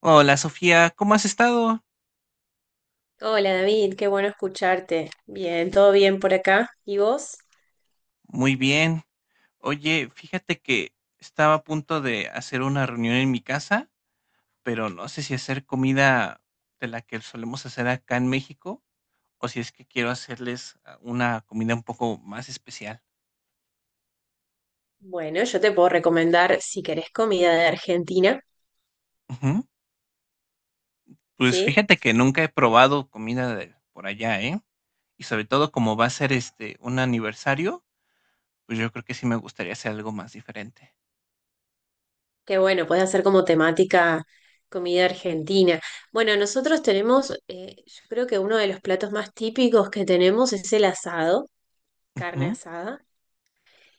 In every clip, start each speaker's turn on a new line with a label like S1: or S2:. S1: Hola Sofía, ¿cómo has estado?
S2: Hola David, qué bueno escucharte. Bien, todo bien por acá. ¿Y vos?
S1: Muy bien. Oye, fíjate que estaba a punto de hacer una reunión en mi casa, pero no sé si hacer comida de la que solemos hacer acá en México o si es que quiero hacerles una comida un poco más especial.
S2: Bueno, yo te puedo recomendar si querés comida de Argentina,
S1: Ujú. Pues
S2: ¿sí?
S1: fíjate que nunca he probado comida de por allá, ¿eh? Y sobre todo como va a ser un aniversario, pues yo creo que sí me gustaría hacer algo más diferente.
S2: Qué bueno, puedes hacer como temática comida argentina. Bueno, nosotros tenemos, yo creo que uno de los platos más típicos que tenemos es el asado, carne
S1: Ujú,
S2: asada,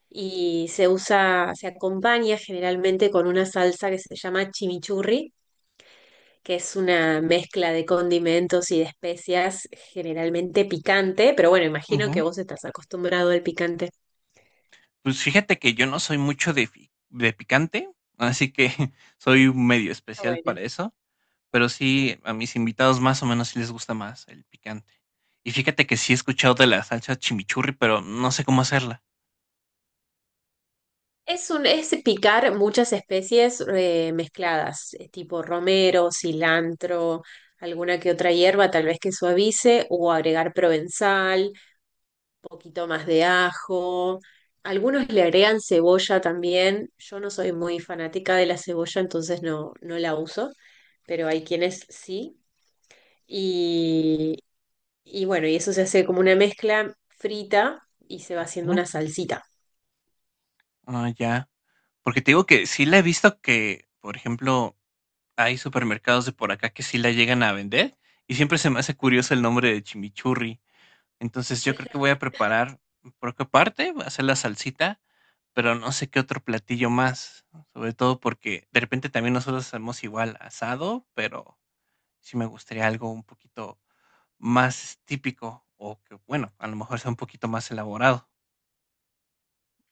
S2: y se usa, se acompaña generalmente con una salsa que se llama chimichurri que es una mezcla de condimentos y de especias, generalmente picante, pero bueno, imagino que
S1: ujú.
S2: vos estás acostumbrado al picante.
S1: Pues fíjate que yo no soy mucho de fi de picante, así que soy un medio
S2: Pero
S1: especial
S2: bueno,
S1: para eso, pero sí, a mis invitados más o menos sí les gusta más el picante. Y fíjate que sí he escuchado de la salsa chimichurri, pero no sé cómo hacerla.
S2: es picar muchas especies mezcladas, tipo romero, cilantro, alguna que otra hierba, tal vez que suavice, o agregar provenzal, poquito más de ajo. Algunos le agregan cebolla también. Yo no soy muy fanática de la cebolla, entonces no la uso, pero hay quienes sí. Y, y bueno, y eso se hace como una mezcla frita y se va haciendo
S1: ¿Mm?
S2: una salsita.
S1: Ah, ya. Porque te digo que sí la he visto que, por ejemplo, hay supermercados de por acá que sí la llegan a vender y siempre se me hace curioso el nombre de chimichurri. Entonces yo creo que voy a preparar, por qué parte, voy a hacer la salsita. Pero no sé qué otro platillo más, sobre todo porque de repente también nosotros hacemos igual asado, pero sí me gustaría algo un poquito más típico o que, bueno, a lo mejor sea un poquito más elaborado.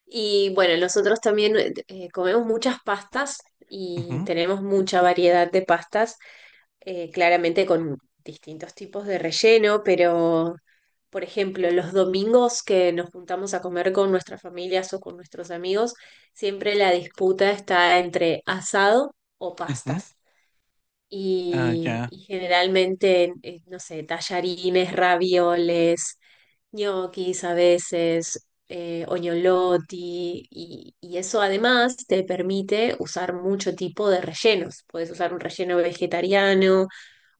S2: Y bueno, nosotros también comemos muchas pastas y
S1: Ujú,
S2: tenemos mucha variedad de pastas, claramente con distintos tipos de relleno, pero por ejemplo, los domingos que nos juntamos a comer con nuestras familias o con nuestros amigos, siempre la disputa está entre asado o
S1: ujú.
S2: pastas.
S1: Ah, ya.
S2: Y generalmente, no sé, tallarines, ravioles, ñoquis a veces, oñoloti, y eso además te permite usar mucho tipo de rellenos. Puedes usar un relleno vegetariano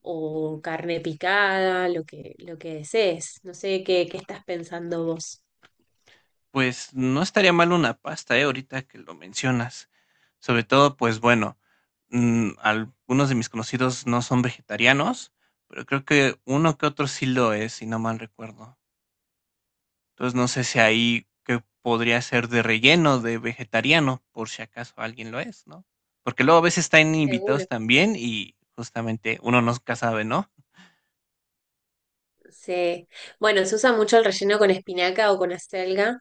S2: o carne picada, lo que desees. No sé qué estás pensando vos.
S1: Pues no estaría mal una pasta, ¿eh? Ahorita que lo mencionas. Sobre todo, pues bueno, mm, algunos de mis conocidos no son vegetarianos, pero creo que uno que otro sí lo es, si no mal recuerdo. Entonces no sé si ahí que podría ser de relleno, de vegetariano, por si acaso alguien lo es, ¿no? Porque luego a veces están
S2: Seguro.
S1: invitados también y justamente uno nunca sabe, ¿no?
S2: Sí. Bueno, se usa mucho el relleno con espinaca o con acelga,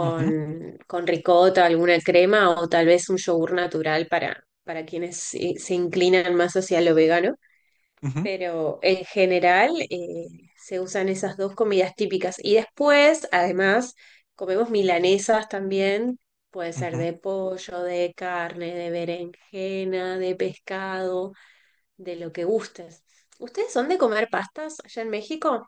S1: Ujú,
S2: con ricota, alguna crema o tal vez un yogur natural para quienes se inclinan más hacia lo vegano.
S1: ujú,
S2: Pero en general se usan esas dos comidas típicas. Y después, además, comemos milanesas también. Puede ser
S1: ujú.
S2: de pollo, de carne, de berenjena, de pescado, de lo que gustes. ¿Ustedes son de comer pastas allá en México?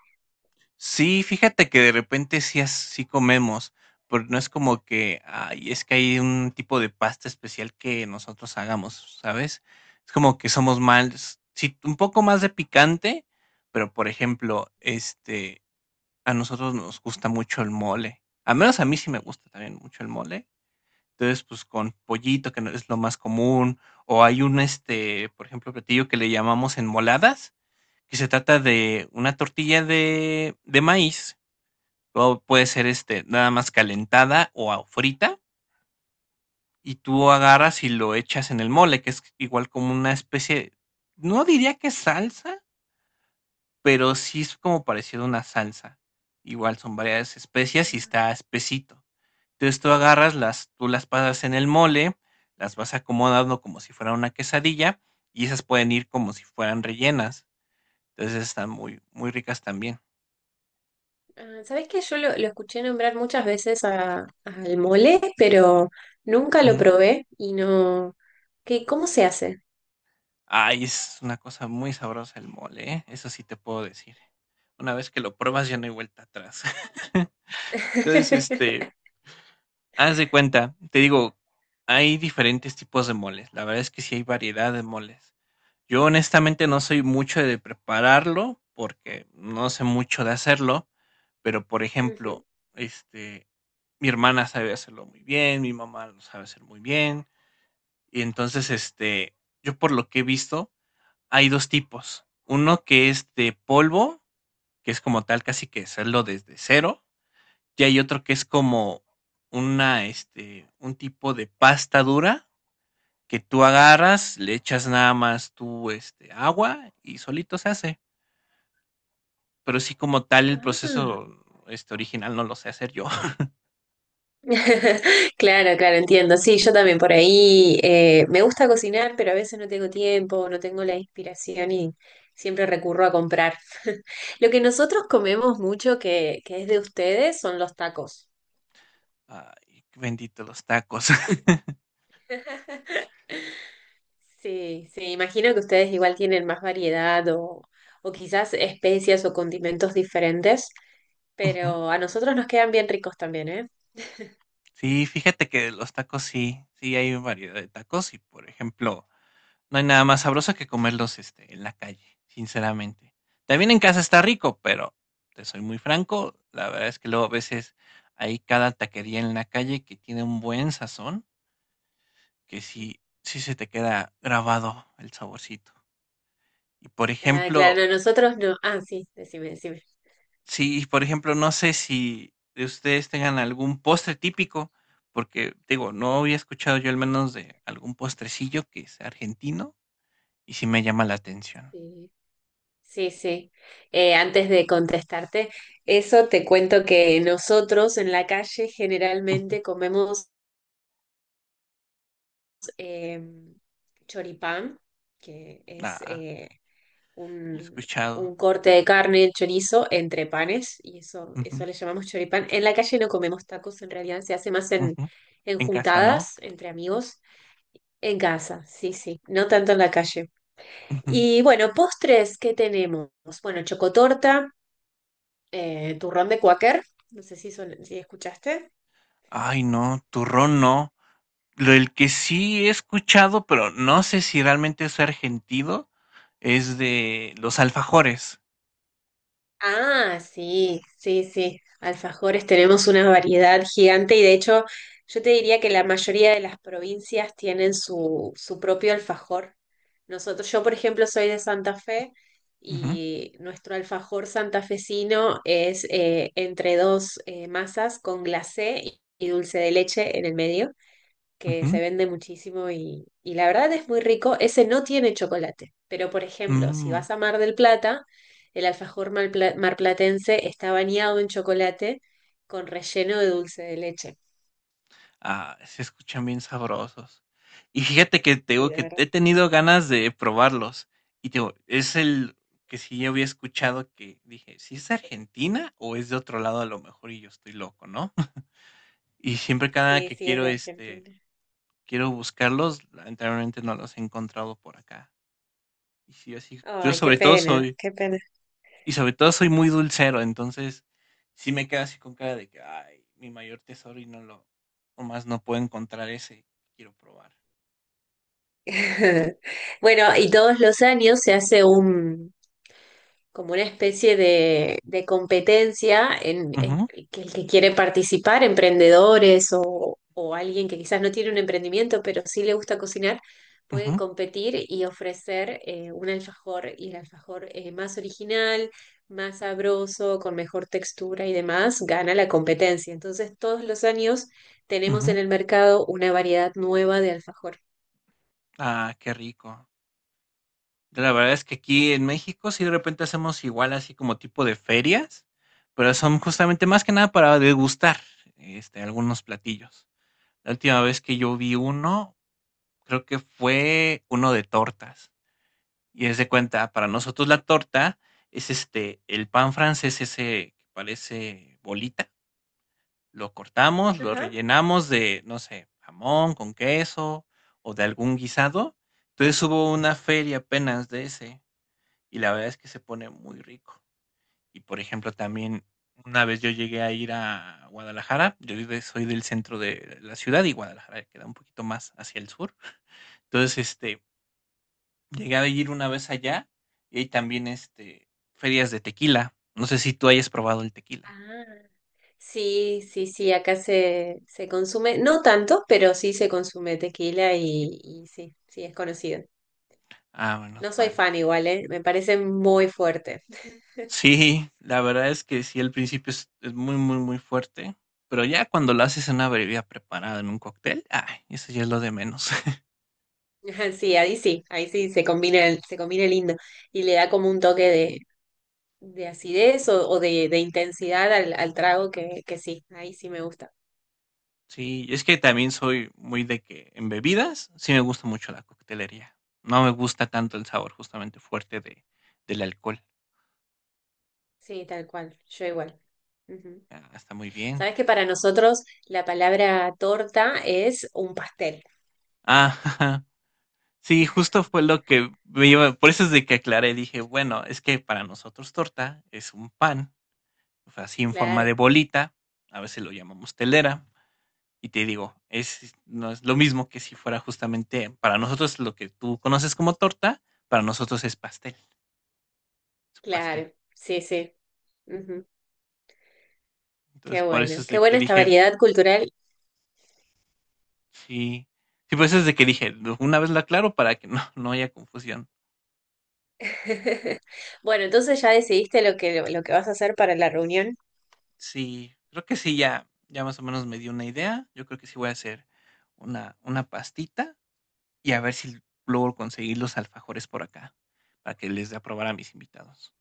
S1: Sí, fíjate que de repente sí, sí comemos, pero no es como que, ay, es que hay un tipo de pasta especial que nosotros hagamos, ¿sabes? Es como que somos más, sí, un poco más de picante, pero por ejemplo, a nosotros nos gusta mucho el mole. Al menos a mí sí me gusta también mucho el mole. Entonces, pues, con pollito, que no es lo más común, o hay por ejemplo, platillo que le llamamos enmoladas, que se trata de una tortilla de maíz, o puede ser, nada más calentada o frita, y tú agarras y lo echas en el mole, que es igual como una especie, no diría que salsa, pero sí es como parecido a una salsa. Igual son varias especias y está espesito. Entonces tú agarras las, tú las pasas en el mole, las vas acomodando como si fuera una quesadilla y esas pueden ir como si fueran rellenas. Entonces están muy ricas también.
S2: Ah, ¿sabés que yo lo escuché nombrar muchas veces al mole, pero nunca lo
S1: Ujú.
S2: probé y no... ¿Qué, cómo se hace?
S1: Ay, es una cosa muy sabrosa el mole, ¿eh? Eso sí te puedo decir. Una vez que lo pruebas ya no hay vuelta atrás. Entonces, haz de cuenta, te digo, hay diferentes tipos de moles. La verdad es que sí hay variedad de moles. Yo honestamente no soy mucho de prepararlo porque no sé mucho de hacerlo. Pero, por
S2: Ujú.
S1: ejemplo, este, mi hermana sabe hacerlo muy bien, mi mamá lo sabe hacer muy bien. Y entonces, yo por lo que he visto, hay 2 tipos. Uno que es de polvo, que es como tal casi que hacerlo desde cero, y hay otro que es como un tipo de pasta dura que tú agarras, le echas nada más tú, agua y solito se hace. Pero sí como tal el
S2: Ah.
S1: proceso, original no lo sé hacer yo.
S2: Claro, claro, entiendo. Sí, yo también por ahí me gusta cocinar, pero a veces no tengo tiempo, no tengo la inspiración y siempre recurro a comprar. Lo que nosotros comemos mucho que es de ustedes son los tacos.
S1: Ay, bendito los tacos.
S2: Sí, sí, imagino que ustedes igual tienen más variedad o quizás especias o condimentos diferentes,
S1: Ujú.
S2: pero a nosotros nos quedan bien ricos también, ¿eh?
S1: Sí, fíjate que los tacos sí, sí hay variedad de tacos y, por ejemplo, no hay nada más sabroso que comerlos, en la calle, sinceramente. También en casa está rico, pero te soy muy franco, la verdad es que luego a veces hay cada taquería en la calle que tiene un buen sazón, que
S2: Ujú.
S1: sí, sí se te queda grabado el saborcito. Y, por
S2: Ah,
S1: ejemplo.
S2: claro, no, nosotros no. Ah, sí, decime, decime.
S1: Sí, por ejemplo, no sé si ustedes tengan algún postre típico, porque digo, no había escuchado yo al menos de algún postrecillo que sea argentino y sí me llama la atención.
S2: Sí. Sí, sí. Antes de contestarte, eso te cuento que nosotros en la calle
S1: Ujú.
S2: generalmente comemos eh, choripán, que es
S1: Ah, lo he
S2: un,
S1: escuchado.
S2: un corte de carne, chorizo, entre panes, y eso,
S1: Ujú,
S2: eso le llamamos choripán. En la calle no comemos tacos, en realidad se hace más
S1: ujú.
S2: en
S1: En casa, ¿no?
S2: juntadas entre amigos. En casa, sí, sí, no tanto en la calle.
S1: Ujú.
S2: Y bueno, postres, ¿qué tenemos? Bueno, chocotorta turrón de Quaker, no sé si, si escuchaste.
S1: Ay, no, turrón no. Lo el que sí he escuchado, pero no sé si realmente es argentino, es de los alfajores.
S2: Ah, sí, sí, sí. Alfajores tenemos una variedad gigante y de hecho yo te diría que la mayoría de las provincias tienen su propio alfajor. Nosotros, yo por ejemplo soy de Santa Fe
S1: Ujú,
S2: y nuestro alfajor santafesino es entre dos masas con glacé y dulce de leche en el medio. Que
S1: ujú.
S2: se vende muchísimo y la verdad es muy rico. Ese no tiene chocolate, pero por ejemplo, si
S1: Mm.
S2: vas a Mar del Plata, el alfajor marplatense está bañado en chocolate con relleno de dulce de leche.
S1: Ah, se escuchan bien sabrosos. Y fíjate que te
S2: Sí,
S1: digo
S2: de
S1: que he
S2: verdad.
S1: tenido ganas de probarlos. Y te digo, es el que sí yo había escuchado que dije, si es de Argentina o es de otro lado a lo mejor y yo estoy loco, ¿no? Y siempre cada
S2: Sí,
S1: que
S2: sí, es
S1: quiero
S2: de Argentina.
S1: quiero buscarlos, lamentablemente no los he encontrado por acá. Y sí, así, yo
S2: Ay, qué
S1: sobre todo
S2: pena,
S1: soy,
S2: qué pena.
S1: y sobre todo soy muy dulcero, entonces sí me quedo así con cara de que, ay, mi mayor tesoro y nomás no puedo encontrar ese que quiero probar.
S2: Bueno, y todos los años se hace como una especie de competencia en
S1: Ujú,
S2: que el que quiere participar, emprendedores o alguien que quizás no tiene un emprendimiento, pero sí le gusta cocinar, puede
S1: ujú,
S2: competir y ofrecer un alfajor y el alfajor más original, más sabroso, con mejor textura y demás, gana la competencia. Entonces, todos los años tenemos
S1: ujú.
S2: en el mercado una variedad nueva de alfajor.
S1: Ah, qué rico. La verdad es que aquí en México sí de repente hacemos igual así como tipo de ferias, pero son justamente más que nada para degustar algunos platillos. La última vez que yo vi uno, creo que fue uno de tortas. Y es de cuenta, para nosotros la torta es el pan francés ese que parece bolita. Lo cortamos, lo
S2: Ajá.
S1: rellenamos de, no sé, jamón con queso o de algún guisado. Entonces hubo una feria apenas de ese y la verdad es que se pone muy rico. Y por ejemplo, también una vez yo llegué a ir a Guadalajara, soy del centro de la ciudad y Guadalajara queda un poquito más hacia el sur. Entonces, llegué a ir una vez allá y hay también ferias de tequila. No sé si tú hayas probado el tequila.
S2: Ah, sí, sí, sí, acá se consume, no tanto, pero sí se consume tequila y sí, sí, es conocido.
S1: Ah, menos
S2: No soy
S1: mal.
S2: fan igual, ¿eh? Me parece muy fuerte.
S1: Sí, la verdad es que sí, al principio es muy fuerte, pero ya cuando lo haces en una bebida preparada, en un cóctel, ay, eso ya es lo de menos.
S2: Ajá, sí, ahí sí, ahí sí se combina, se combina lindo y le da como un toque de acidez o de intensidad al trago que sí, ahí sí me gusta.
S1: Sí, es que también soy muy de que en bebidas sí me gusta mucho la coctelería. No me gusta tanto el sabor justamente fuerte de, del alcohol.
S2: Sí, tal cual, yo igual. Ujú.
S1: Ah, está muy bien.
S2: Sabes que para nosotros la palabra torta es un pastel.
S1: Ah, sí, justo fue lo que me iba, por eso es de que aclaré, dije, bueno, es que para nosotros torta es un pan, o sea, así en forma de
S2: Claro,
S1: bolita, a veces lo llamamos telera. Y te digo, es, no es lo mismo que si fuera justamente para nosotros lo que tú conoces como torta, para nosotros es pastel, es un pastel.
S2: claro, sí, sí. Ujú,
S1: Entonces,
S2: qué
S1: por eso
S2: bueno,
S1: es
S2: qué
S1: de
S2: buena
S1: que
S2: esta
S1: dije,
S2: variedad cultural.
S1: sí, sí, por eso es de que dije, una vez lo aclaro para que no, no haya confusión.
S2: Bueno, entonces ya decidiste lo que vas a hacer para la reunión.
S1: Sí, creo que sí, ya, ya más o menos me dio una idea. Yo creo que sí voy a hacer una pastita y a ver si logro conseguir los alfajores por acá, para que les dé a probar a mis invitados.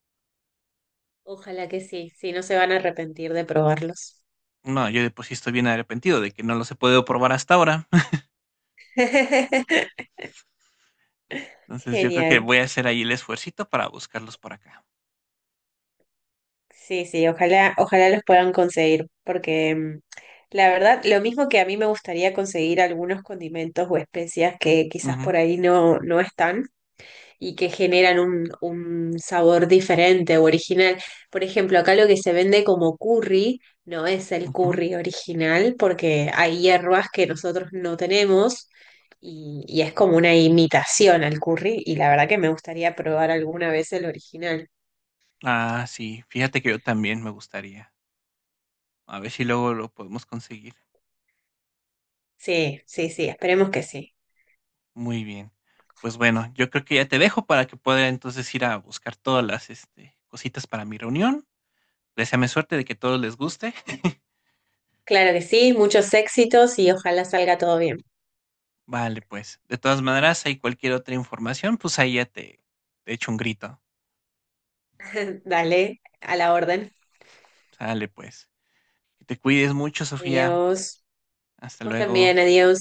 S2: Ojalá que sí, sí, no se van a arrepentir de probarlos.
S1: No, yo de por sí estoy bien arrepentido de que no los he podido probar hasta ahora. Entonces, yo creo que
S2: Genial.
S1: voy a hacer ahí el esfuercito para buscarlos por acá.
S2: Sí, sí, ojalá, ojalá los puedan conseguir, porque mm, la verdad, lo mismo que a mí me gustaría conseguir algunos condimentos o especias que quizás
S1: Ujú,
S2: por ahí no están. Y que generan un sabor diferente o original. Por ejemplo, acá lo que se vende como curry no es el
S1: ujú.
S2: curry original porque hay hierbas que nosotros no tenemos y es como una imitación al curry y la verdad que me gustaría probar alguna vez el original.
S1: Ah, sí, fíjate que yo también me gustaría. A ver si luego lo podemos conseguir.
S2: Sí, sí, sí, esperemos que sí.
S1: Muy bien. Pues bueno, yo creo que ya te dejo para que pueda entonces ir a buscar todas las cositas para mi reunión. Deseame suerte de que todos les guste.
S2: Claro que sí, muchos éxitos y ojalá salga todo bien.
S1: Vale, pues. De todas maneras, hay cualquier otra información, pues ahí ya te echo un grito.
S2: Dale, a la orden.
S1: Sale, pues. Que te cuides mucho, Sofía.
S2: Adiós.
S1: Hasta
S2: Vos
S1: luego.
S2: también, adiós.